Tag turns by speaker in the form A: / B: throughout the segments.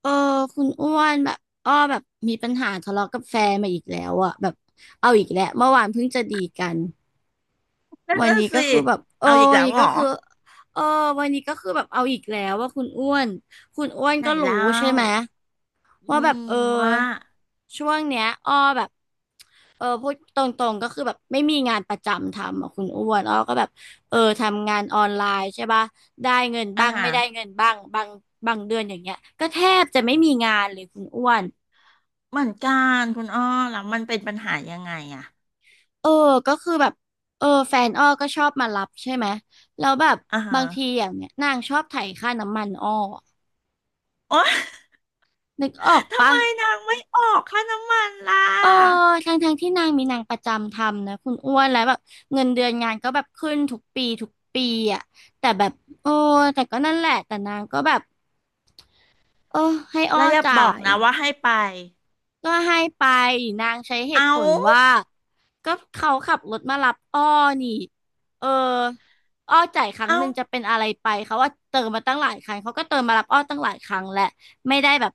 A: เออคุณอ้วนแบบอ้อแบบมีปัญหาทะเลาะกับแฟนมาอีกแล้วอะแบบเอาอีกแล้วเมื่อวานเพิ่งจะดีกัน
B: นั่น
A: วัน
B: น่ะ
A: นี้ก็
B: สิ
A: คือแบบเออ
B: เอาอีก
A: วั
B: แล้
A: น
B: ว
A: นี้
B: เหร
A: ก็
B: อ
A: คือเออวันนี้ก็คือแบบเอาอีกแล้วว่าคุณอ้วนคุณอ้วน
B: ไหน
A: ก็รู้
B: เล่า
A: ใช่ไหม
B: อื
A: ว่าแบบ
B: ม
A: เออ
B: ว่า
A: ช่วงเนี้ยอ้อแบบเออพูดตรงๆก็คือแบบไม่มีงานประจำทำอ่ะคุณอ้วนอ้อก็แบบเออทำงานออนไลน์ใช่ป่ะได้เงิน
B: อ่า
A: บ้าง
B: ฮะ
A: ไม่ได้เงินบ้างบางเดือนอย่างเงี้ยก็แทบจะไม่มีงานเลยคุณอ้วน
B: เหมือนกันคุณอ้อแล้วมันเป็นปัญหายังไงอะ
A: เออก็คือแบบเออแฟนอ้อก็ชอบมารับใช่ไหมแล้วแบบ
B: อ่าฮะ
A: บางทีอย่างเงี้ยนางชอบไถค่าน้ำมันอ้อ
B: โอ๊ย
A: นึกออก
B: ทำ
A: ปะ
B: ไมนางไม่ออกค่าน้ำมันล่
A: เออ
B: ะ
A: ทั้งที่นางมีนางประจำทำนะคุณอ้วนแล้วแบบเงินเดือนงานก็แบบขึ้นทุกปีทุกปีอ่ะแต่แบบโอ้แต่ก็นั่นแหละแต่นางก็แบบเออให้อ้
B: แล้
A: อ
B: วอย่าบอ
A: จ่า
B: ก
A: ย
B: นะว่าให้ไป
A: ก็ให้ไปนางใช้เหตุผ
B: เอา
A: ลว่าก็เขาขับรถมารับอ้อนี่เอออ้อจ่ายครั้ง
B: เอา
A: หนึ่งจะเป็นอะไรไปเขาว่าเติมมาตั้งหลายครั้งเขาก็เติมมารับอ้อตั้งหลายครั้งแหละไม่ได้แบบ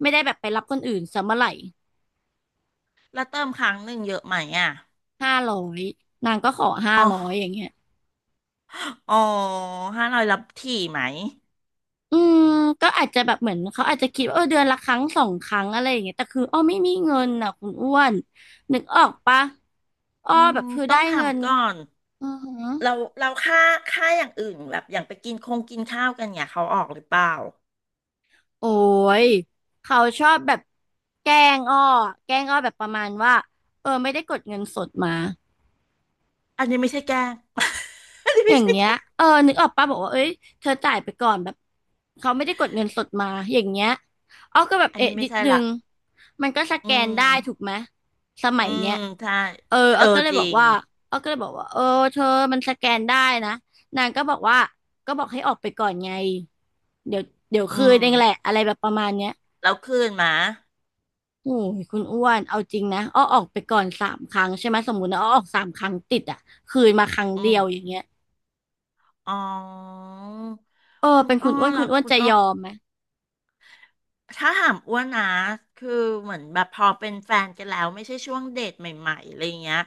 A: ไม่ได้แบบไปรับคนอื่นซะเมื่อไหร่
B: แล้วเติมครั้งหนึ่งเยอะไหมอะ
A: ห้าร้อยนางก็ขอห้า
B: อ๋อ
A: ร้อยอย่างเงี้ย
B: อ๋อห้าร้อยรับถี่ไหม
A: อืมก็อาจจะแบบเหมือนเขาอาจจะคิดว่าเออเดือนละครั้งสองครั้งอะไรอย่างเงี้ยแต่คืออ้อไม่มีเงินอ่ะคุณอ้วนนึกออกปะอ้อ
B: อื
A: แบ
B: ม
A: บคือ
B: ต้
A: ได้
B: อง
A: เงิน
B: ทำก่อน
A: อือหือ
B: เราเราค่าอย่างอื่นแบบอย่างไปกินคงกินข้าวกันเนี่ยเขาออกหรือเปล่า
A: โอ้ยเขาชอบแบบแกล้งอ้อแกล้งอ้อแบบประมาณว่าไม่ได้กดเงินสดมา
B: อันนี้ไม่ใช่แกล้ง อันนี้
A: อ
B: ไม่
A: ย่าง
B: ใช่
A: เงี้
B: แก
A: ย
B: ล้ง
A: นึกออกปะบอกว่าเอ้ยเธอจ่ายไปก่อนแบบเขาไม่ได้กดเงินสดมา อย่างเงี้ยอ้อก็แบบ
B: อัน
A: เอ๊ะ
B: นี้ไม่
A: นิด
B: ใช่
A: นึ
B: ละ
A: งมันก็ส
B: อื
A: แกนได้ถูก
B: ม
A: ไหม สมั
B: อื
A: ย
B: ม
A: เนี้ย
B: ใช่เอ
A: อ้อ
B: อ
A: ก็เลย
B: จ
A: บ
B: ริ
A: อก
B: ง
A: ว่าอ้อก็เลยบอกว่าเออเธอมันสแกนได้นะนางก็บอกว่าก็บอกให้ออกไปก่อนไง เดี๋ยวเดี๋ยว
B: อื
A: คืน
B: ม
A: เองแหละอะไรแบบประมาณเนี้ย
B: แล้วคืนหมา
A: โอ้ยคุณอ้วน เอาจริงนะอ้อออกไปก่อนสามครั้งใช่ไหมสมมุตินะอ้อออกสามครั้งติดอ่ะคืนมาครั้ง
B: อื
A: เดี
B: ม
A: ยวอย่างเงี้ย
B: อ๋อ
A: เออ
B: คุณ
A: เป็นคุ
B: อ้อ
A: ณอ้วน คุ
B: ล่ะ
A: ณอ้วน
B: คุณ
A: จะ
B: อ้อ
A: ยอมไหม
B: ถ้าถามอ้วนนะคือเหมือนแบบพอเป็นแฟนกันแล้วไม่ใช่ช่วงเดทใหม่ๆอะไรเงี้ย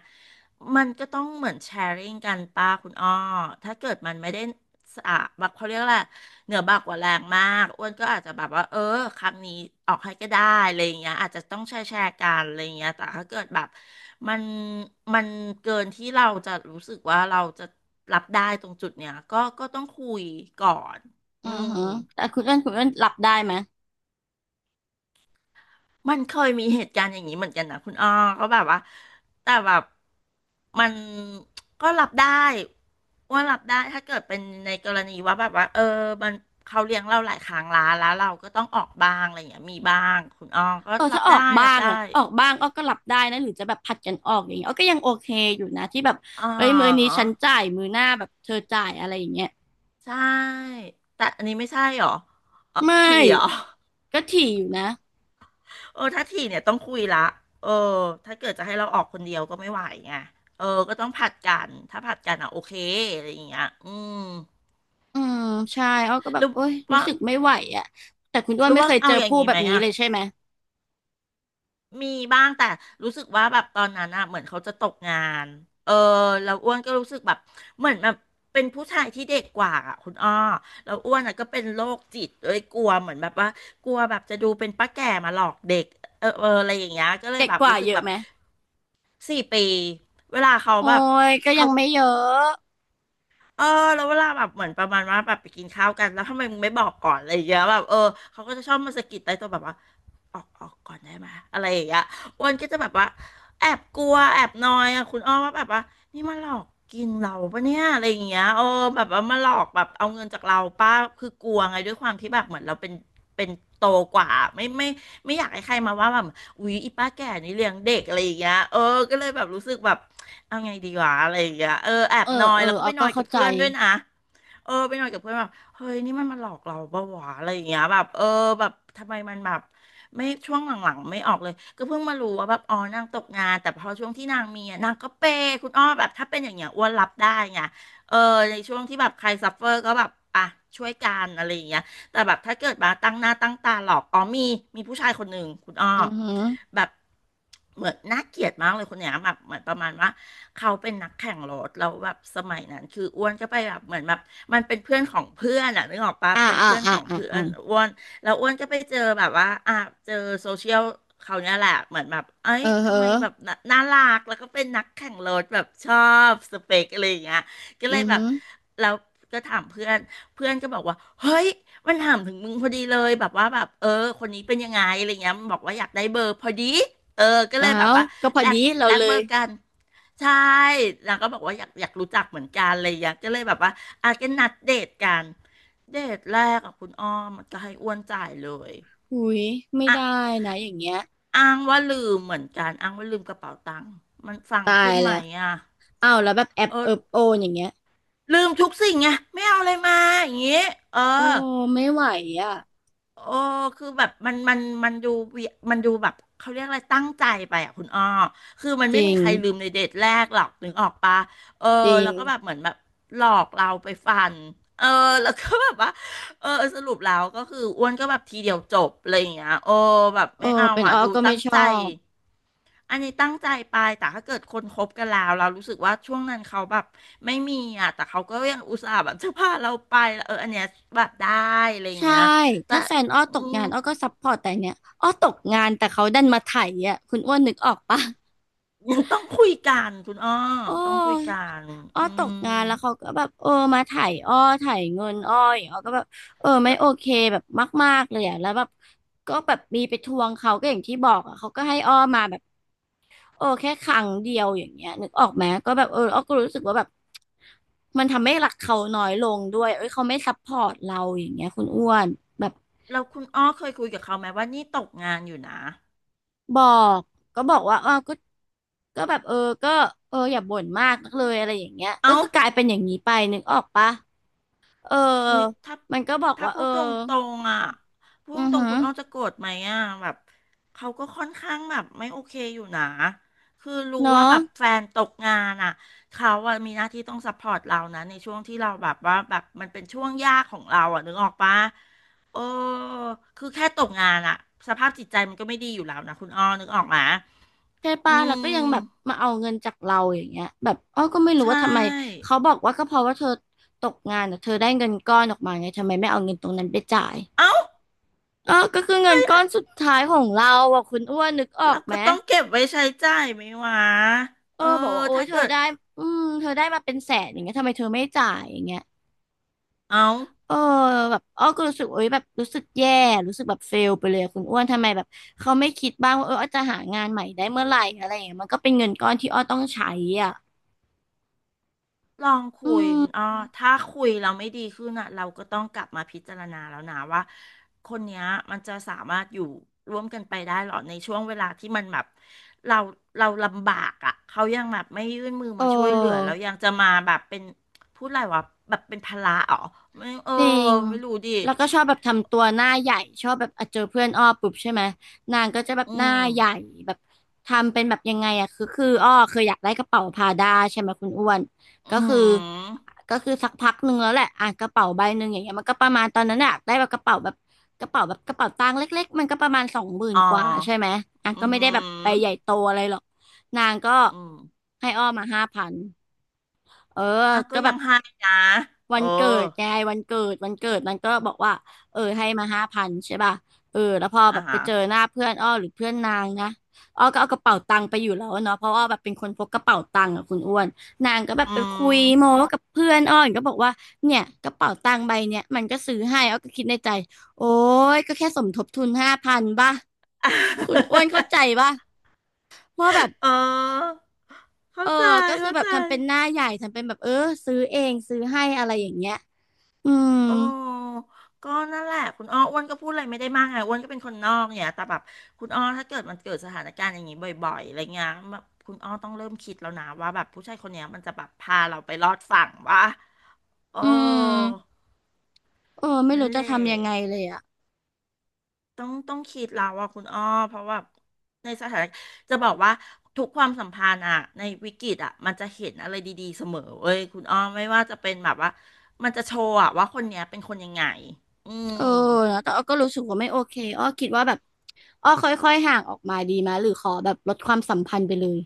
B: มันก็ต้องเหมือนแชร์ริ่งกันป้าคุณอ้อถ้าเกิดมันไม่ได้สะแบักเขาเรียกและไรเหนือบักกว่าแรงมากอ้วนก็อาจจะแบบว่าเออครั้งนี้ออกให้ก็ได้อะไรเงี้ยอาจจะต้องแชร์แชร์กันอะไรเงี้ยแต่ถ้าเกิดแบบมันมันเกินที่เราจะรู้สึกว่าเราจะรับได้ตรงจุดเนี้ยก็ต้องคุยก่อน
A: อื
B: อื
A: อ
B: ม
A: ฮึแต่คุณอ้วนคุณอ้วนหลับได้ไหม
B: มันเคยมีเหตุการณ์อย่างนี้เหมือนกันนะคุณอ้อก็แบบว่าแต่แบบมันก็รับได้ว่ารับได้ถ้าเกิดเป็นในกรณีว่าแบบว่าเออมันเขาเลี้ยงเราหลายครั้งละแล้วเราก็ต้องออกบ้างอะไรอย่างเงี้ยมีบ้างคุณอ้อก็
A: เออ
B: รั
A: ถ้า
B: บ
A: ออก
B: ได้
A: บ้า
B: รับ
A: งอ่ะ
B: ได้
A: ออกบ้างอ้อก็หลับได้นะหรือจะแบบผัดกันออกอย่างเงี้ยอ้อก็ยังโอเคอยู่นะที่แบบ
B: อ๋อ
A: เอ้ยมือนี้ฉันจ่ายมือหน้าแบบเธอจ่ายอะไรอย่างเงี้ย
B: ใช่แต่อันนี้ไม่ใช่หรออ๋อ
A: ไม่
B: ทีหรอ
A: ก็ถี่อยู่นะ
B: เออถ้าทีเนี่ยต้องคุยละเออถ้าเกิดจะให้เราออกคนเดียวก็ไม่ไหวไงเออก็ต้องผัดกันถ้าผัดกันอ่ะโอเคอะไรอย่างเงี้ยอืม
A: อืมใช่อ้อก็แบ
B: ห
A: บ
B: รือ
A: โอ๊ยรู้
B: ว่า
A: สึกไม่ไหวอ่ะแต่คุณอ้ว
B: ห
A: น
B: รือ
A: ไม่
B: ว่า
A: เคยเจ
B: เอา
A: อ
B: อย่าง
A: ผู้
B: งี้
A: แบ
B: ไห
A: บ
B: ม
A: นี้
B: อ่ะ
A: เลยใช่ไหม
B: มีบ้างแต่รู้สึกว่าแบบตอนนั้นอะเหมือนเขาจะตกงานเออแล้วอ้วนก็รู้สึกแบบเหมือนแบบเป็นผู้ชายที่เด็กกว่าอะคุณอ้อแล้วอ้วนอะก็เป็นโรคจิตเลยกลัวเหมือนแบบว่ากลัวแบบจะดูเป็นป้าแก่มาหลอกเด็กเออเอออะไรอย่างเงี้ยก็เลย
A: เด็ก
B: แบบ
A: กว่า
B: รู้สึก
A: เยอะ
B: แบบ
A: ไหม
B: สี่ปีเวลาเขา
A: โอ้
B: แบบ
A: ยก็ยั
B: เขา
A: งไม่เยอะ
B: เออแล้วเวลาแบบเหมือนประมาณว่าแบบไปกินข้าวกันแล้วทำไมมึงไม่บอกก่อนอะไรอย่างเงี้ยแบบเออเขาก็จะชอบมาสะกิดใต้โตัวแบบว่าออกก่อนได้ไหมอะไรอย่างเงี้ยอ้วนก็จะแบบว่าแอบกลัวแอบนอยอ่ะคุณอ้อว่าแบบว่านี่มาหลอกกินเราปะเนี่ยอะไรอย่างเงี้ยเออแบบว่ามาหลอกแบบเอาเงินจากเราป้าคือกลัวไงด้วยความที่แบบเหมือนเราเป็นเป็นโตกว่าไม่ไม่ไม่อยากให้ใครมาว่าแบบอุ๊ยอีป้าแก่นี่เลี้ยงเด็กอะไรอย่างเงี้ยเออก็เลยแบบรู้สึกแบบ เอาไงดีวะอะไรอย่างเงี้ยเออแอบ
A: เอ
B: น
A: อ
B: อย
A: เอ
B: แล้
A: อ
B: วก็
A: อ้อ
B: ไปน
A: ก็
B: อยกั
A: เข้า
B: บ
A: ใจ
B: เพื่อนด้วยนะเออไปนอยกับเพื่อนแบบเฮ้ยนี่มันมาหลอกเราปะวะอะไรอย่างเงี้ยแบบเออแบบทำไมมันแบบไม่ช่วงหลังๆไม่ออกเลยก็เพิ่งมารู้ว่าแบบอ๋อนางตกงานแต่พอช่วงที่นางมีอะนางก็เปย์คุณอ้อแบบถ้าเป็นอย่างเงี้ยอ้วนรับได้ไงเออในช่วงที่แบบใครซัฟเฟอร์ก็แบบอ่ะช่วยกันอะไรอย่างเงี้ยแต่แบบถ้าเกิดมาตั้งหน้าตั้งตาหลอกอ๋อมีผู้ชายคนหนึ่งคุณอ้อ
A: อือฮึ
B: แบบเหมือนน่าเกลียดมากเลยคนเนี้ยแบบเหมือนประมาณว่า เขาเป็นนักแข่งรถแล้วแบบสมัยนั้นคืออ้วนก็ไปแบบเหมือนแบบมันเป็นเพื่อนของเพื่อนอะนึกออกปะ
A: อ่า
B: เป็น
A: อ่า
B: เพื่อน
A: อ่า
B: ของ
A: อ่า
B: เพื่อ
A: อ่า
B: นอ้วนแล้วอ้วนก็ไปเจอแบบว่าอ่ะเจอโซเชียลเขาเนี่ยแหละเหมือนแบบเอ้
A: เอ
B: ย
A: อเฮอ
B: ทำไมแบบน่าน่ารักแล้วก็เป็นนักแข่งรถแบบชอบสเปคอะไรอย่างเงี้ยก็
A: อื
B: เลย
A: อ
B: แบบ
A: ฮึ
B: แล้วก็ถามเพื่อนเพื่อนก็บอกว่าเฮ้ยมันถามถึงมึงพอดีเลยแบบว่าแบบเออคนนี้เป็นยังไงอะไรเงี้ยมันบอกว่าอยากได้เบอร์พอดีเออก็เล
A: อ้า
B: ยแบบ
A: ว
B: ว่า
A: ก็พอ
B: แล
A: ดี
B: ก
A: เรา
B: แลก
A: เล
B: เบอ
A: ย
B: ร์กัน ใช่นางก็บอกว่าอยากรู้จักเหมือนกันอะไรอย่างเงี้ยก็เลยแบบว่าอาจจะนัดเดทกันเดทแรกกับคุณอ้อมจะให้อ้วนจ่ายเลย
A: อุ้ยไม่
B: อ่ะ
A: ได้นะอย่างเงี้ย
B: อ้างว่าลืมเหมือนกันอ้างว่าลืมกระเป๋าตังค์มันฟัง
A: ตา
B: ขึ้
A: ย
B: นไหม
A: แล้ว
B: อ่ะ
A: อ้าวแล้วแบบแอบ
B: เออ
A: เอิบโอนอย่างเงี้ย
B: ลืมทุกสิ่งไงไม่เอาอะไรมาอย่างงี้เอ
A: โอ้
B: อ
A: ไม่ไหวอ่ะ
B: โอ้คือแบบมันดูเวียมันดูแบบเขาเรียกอะไรตั้งใจไปอ่ะคุณอ้อคือมัน
A: จ
B: ไม่
A: ริ
B: มี
A: ง
B: ใครลืมในเดทแรกหรอกนึกออกปะเออ
A: จริง
B: แล้วก็แบบเหมือนแบบหลอกเราไปฟัน เออแล้วก็แบบว่าเออสรุปแล้วก็คืออ้วนก็แบบทีเดียวจบอะไรอย่างเงี้ยโอ้แบบ
A: เออ
B: ไม่เอา
A: เป็น
B: อ่ะ
A: อ้อ
B: ดู
A: ก็ไม่
B: ตั้ง
A: ช
B: ใจ
A: อบ
B: อันนี้ตั้งใจไป แต่ถ้าเกิดคนคบกันแล้วเรารู้สึกว่าช่วงนั้นเขาแบบไม่มีอ่ะแต่เขาก็ยังอุตส่าห์แบบจะพาเราไปเอออันเนี้ยแบบได้อะไรอย่าง
A: ใช่
B: เงี้ยแต่
A: ถ้าแฟนอ้อ
B: อื
A: ตก
B: ม
A: งานอ้อก็ซัพพอร์ตแต่เนี้ยอ้อตกงานแต่เขาดันมาไถอ่ะคุณอ้วนนึกออกปะ
B: ยังต้องคุยกันคุณอ้อ
A: โอ้
B: ต้องคุยกัน
A: อ้อ
B: อื
A: ตกงา
B: ม
A: นแล้วเขาก็แบบเออมาไถอ้อไถเงินอ้ออย่างอ้อก็แบบไม่
B: แล้ว
A: โอเคแบบมากๆเลยอ่ะแล้วแบบก็แบบมีไปทวงเขาก็อย่างที่บอกอ่ะเขาก็ให้อ้อมาแบบ แค่ครั้งเดียวอย่างเงี้ยนึกออกไหมก็แบบเอออ้อก็รู้สึกว่าแบบมันทำให้รักเขาน้อยลงด้วยเอ้ยเขาไม่ซัพพอร์ตเราอย่างเงี้ยคุณอ้วนแบบ
B: แล้วคุณอ้อเคยคุยกับเขาไหมว่านี่ตกงานอยู่นะ
A: บอกบอกว่าอ้าวก็แบบเออก็เอออย่าบ่นมากนักเลยอะไรอย่างเงี้ยก็
B: เอ้า
A: คือกลายเป็นอย่างนี้ไปนึกออกปะเออ
B: อุ้ยถ้า
A: มันก็บอก
B: ถ้า
A: ว่า
B: พู
A: เออ
B: ดตรงตรงอ่ะพูด
A: อื
B: ต
A: อ
B: ร
A: หื
B: งๆ
A: อ
B: คุณอ้อจะโกรธไหมอ่ะแบบเขาก็ค่อนข้างแบบไม่โอเคอยู่นะคือรู้ว่า
A: เนาะ
B: แบบแฟนตกงานอ่ะเขาอะมีหน้าที่ต้องซัพพอร์ตเรานะในช่วงที่เราแบบว่าแบบมันเป็นช่วงยากของเราอ่ะนึกออกปะเออคือแค่ตกงานอ่ะสภาพจิตใจมันก็ไม่ดีอยู่แล้วนะคุณอ้อนึกออกไหม
A: ใช่
B: อื
A: ป่ะแล้วก็ยัง
B: ม
A: แบบมาเอาเงินจากเราอย่างเงี้ยแบบอ้อก็ไม่รู้
B: ใช
A: ว่าทำไม
B: ่
A: เขาบอกว่าก็เพราะว่าเธอตกงานอะเธอได้เงินก้อนออกมาไงทำไมไม่เอาเงินตรงนั้นไปจ่าย
B: เอ้า
A: อ้อก็คือเงิ
B: เฮ้
A: น
B: ย
A: ก้อนสุดท้ายของเราอ่ะคุณอ้วนนึกออ
B: เรา
A: กไหม
B: ก็ต้องเก็บไว้ใช้จ่ายไหมวะ
A: เอ
B: เอ
A: อ
B: อ
A: บอกว่าโอ๊ย
B: ถ้า
A: เธอ
B: เกิด
A: ได้อืมเธอได้มาเป็นแสนอย่างเงี้ยทำไมเธอไม่จ่ายอย่างเงี้ย
B: เอา
A: เออแบบอ้อก็รู้สึกโอ๊ยแบบรู้สึกแย่รู้สึกแบบเฟลไปเลยอะคุณอ้วนทำไมแบบเขาไม่คิดบ้างว่าเอออ้อจะหางานใหม่ได้เมื่อไหร่อะไรอย่างเงี้ยมันก็เป็นเงินก้อนที่อ้อต้องใช้อ่ะ
B: ลอง
A: อื
B: คุยคุณอ้อ
A: ม
B: ถ้าคุยเราไม่ดีขึ้นอ่ะเราก็ต้องกลับมาพิจารณาแล้วนะว่าคนเนี้ยมันจะสามารถอยู่ร่วมกันไปได้หรอในช่วงเวลาที่มันแบบเราเราลำบากอ่ะเขายังแบบไม่ยื่นมือ
A: เออ
B: มาช่วยเหลือแล้วยังจะมาแบบเป็นพูดอะไรวะแบบเป็นภาระอ๋อไม่เออ
A: จริง
B: ไม่รู้ดิ
A: แล้วก็ชอบแบบทำตัวหน้าใหญ่ชอบแบบอ่ะเจอเพื่อนอ้อปุ๊บใช่ไหมนางก็จะแบบ
B: อื
A: หน้า
B: ม
A: ใหญ่แบบทำเป็นแบบยังไงอะคืออ้อเคยอยากได้กระเป๋าพาด้าใช่ไหมคุณอ้วน
B: อื
A: ก็คื
B: ม
A: อ
B: อหื
A: ก็
B: อ
A: คือสักพักหนึ่งแล้วแหละอ่ะกระเป๋าใบหนึ่งอย่างเงี้ยมันก็ประมาณตอนนั้นอะได้แบบกระเป๋าแบบกระเป๋าตังค์เล็กๆมันก็ประมาณ20,000
B: อ๋อ
A: กว่าใช่ไหมอ่ะ
B: อืม
A: ก็
B: อ
A: ไม่
B: หื
A: ได้แบบไปใหญ่
B: อ
A: โตอะไรหรอกนางก็
B: อืม
A: ให้อ้อมาห้าพันเออ
B: อ่ะก็
A: ก็แบ
B: ยั
A: บ
B: งให้นะเอ
A: วั
B: อ
A: นเกิดไงวันเกิดมันก็บอกว่าเออให้มาห้าพันใช่ป่ะเออแล้วพอ
B: อ่ะ
A: แบบไป
B: ฮะ
A: เจอหน้าเพื่อนอ้อหรือเพื่อนนางนะอ้อก็เอากระเป๋าตังค์ไปอยู่แล้วเนาะเพราะอ้อแบบเป็นคนพกกระเป๋าตังค์อะคุณอ้วนนางก็แบบ
B: อื
A: ไปคุยโม้
B: ม
A: กับเพื่อนอ้อก็บอกว่าเนี่ยกระเป๋าตังค์ใบเนี้ยมันก็ซื้อให้อ้อก็คิดในใจโอ้ยก็แค่สมทบทุนห้าพันป่ะคุณอ้วนเข้า ใจป่ะว่าแบบ
B: เออ
A: เอ
B: เข้า
A: อ
B: ใจ
A: ก็คือ
B: เข้า
A: แบบ
B: ใจ
A: ทำเป็นหน้าใหญ่ทำเป็นแบบเออซื้อเองซื้อให้อะไรอย่างเงี้ยอืม
B: โอ้ก็นั่นแหละคุณอ้ออ้วนก็พูดอะไรไม่ได้มากไงอ้วนก็เป็นคนนอกเนี่ยแต่แบบคุณอ้อถ้าเกิดมันเกิดสถานการณ์อย่างนี้บ่อยๆอะไรเงี้ยแบบคุณอ้อต้องเริ่มคิดแล้วนะว่าแบบผู้ชายคนเนี้ยมันจะแบบพาเราไปรอดฝั่งวะโอ้
A: อืมเออไม่
B: นั่
A: รู้
B: นแห
A: จะ
B: ละ
A: ทำยังไงเลยอ่ะ
B: ต้องคิดแล้วว่าคุณอ้อเพราะว่าในสถานจะบอกว่าทุกความสัมพันธ์อะในวิกฤตอะมันจะเห็นอะไรดีๆเสมอเว้ยคุณอ้อไม่ว่าจะเป็นแบบว่ามันจะโชว์อะว่าคนเนี้ยเป็นคนยังไงอื
A: เอ
B: ม
A: อนะแต่อ้อก็รู้สึกว่าไม่โอเคอ้อคิดว่าแบบอ้อค่อยๆห่างออกมาดีไหมหรือขอแบบลดความสัมพันธ์ไปเลย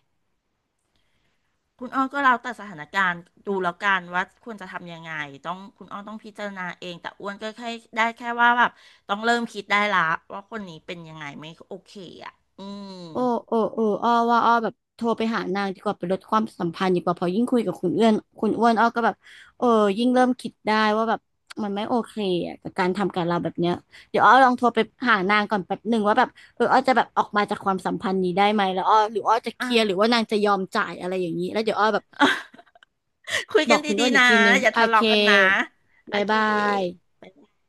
B: คุณอ้อก็แล้วแต่สถานการณ์ดูแล้วกันว่าควรจะทำยังไงต้องคุณอ้อต้องพิจารณาเองแต่อ้วนก็แค่ได้แค่ว่าแบบต้องเริ่มคิดได้ละว่าคนนี้เป็นยังไงไม่โอเคอะอืม
A: โอ้โอ้เอออ้อว่าอ้อแบบโทรไปหานางดีกว่าไปลดความสัมพันธ์ดีกว่าเพอยิ่งคุยกับคุณเอื้อนคุณอ้วนอ้อก็แบบเออยิ่งเริ่มคิดได้ว่าแบบมันไม่โอเคอะกับการทำกับเราแบบเนี้ยเดี๋ยวอ้อลองโทรไปหานางก่อนแป๊บหนึ่งว่าแบบเอออ้อจะแบบออกมาจากความสัมพันธ์นี้ได้ไหมแล้วอ้อหรืออ้อจะเค
B: อ่ะ
A: ลียร์หรือว่านางจะยอมจ่ายอะไรอย่างนี้แล้วเดี๋ยวอ้อแบบ
B: คุย
A: บ
B: กั
A: อ
B: น
A: กคุณ
B: ดี
A: อ้วน
B: ๆ
A: อีก
B: นะ
A: ทีนึง
B: อย่า
A: โอ
B: ทะ
A: เค
B: เลาะกันนะโอ
A: บาย
B: เค
A: บาย
B: บ๊ายบาย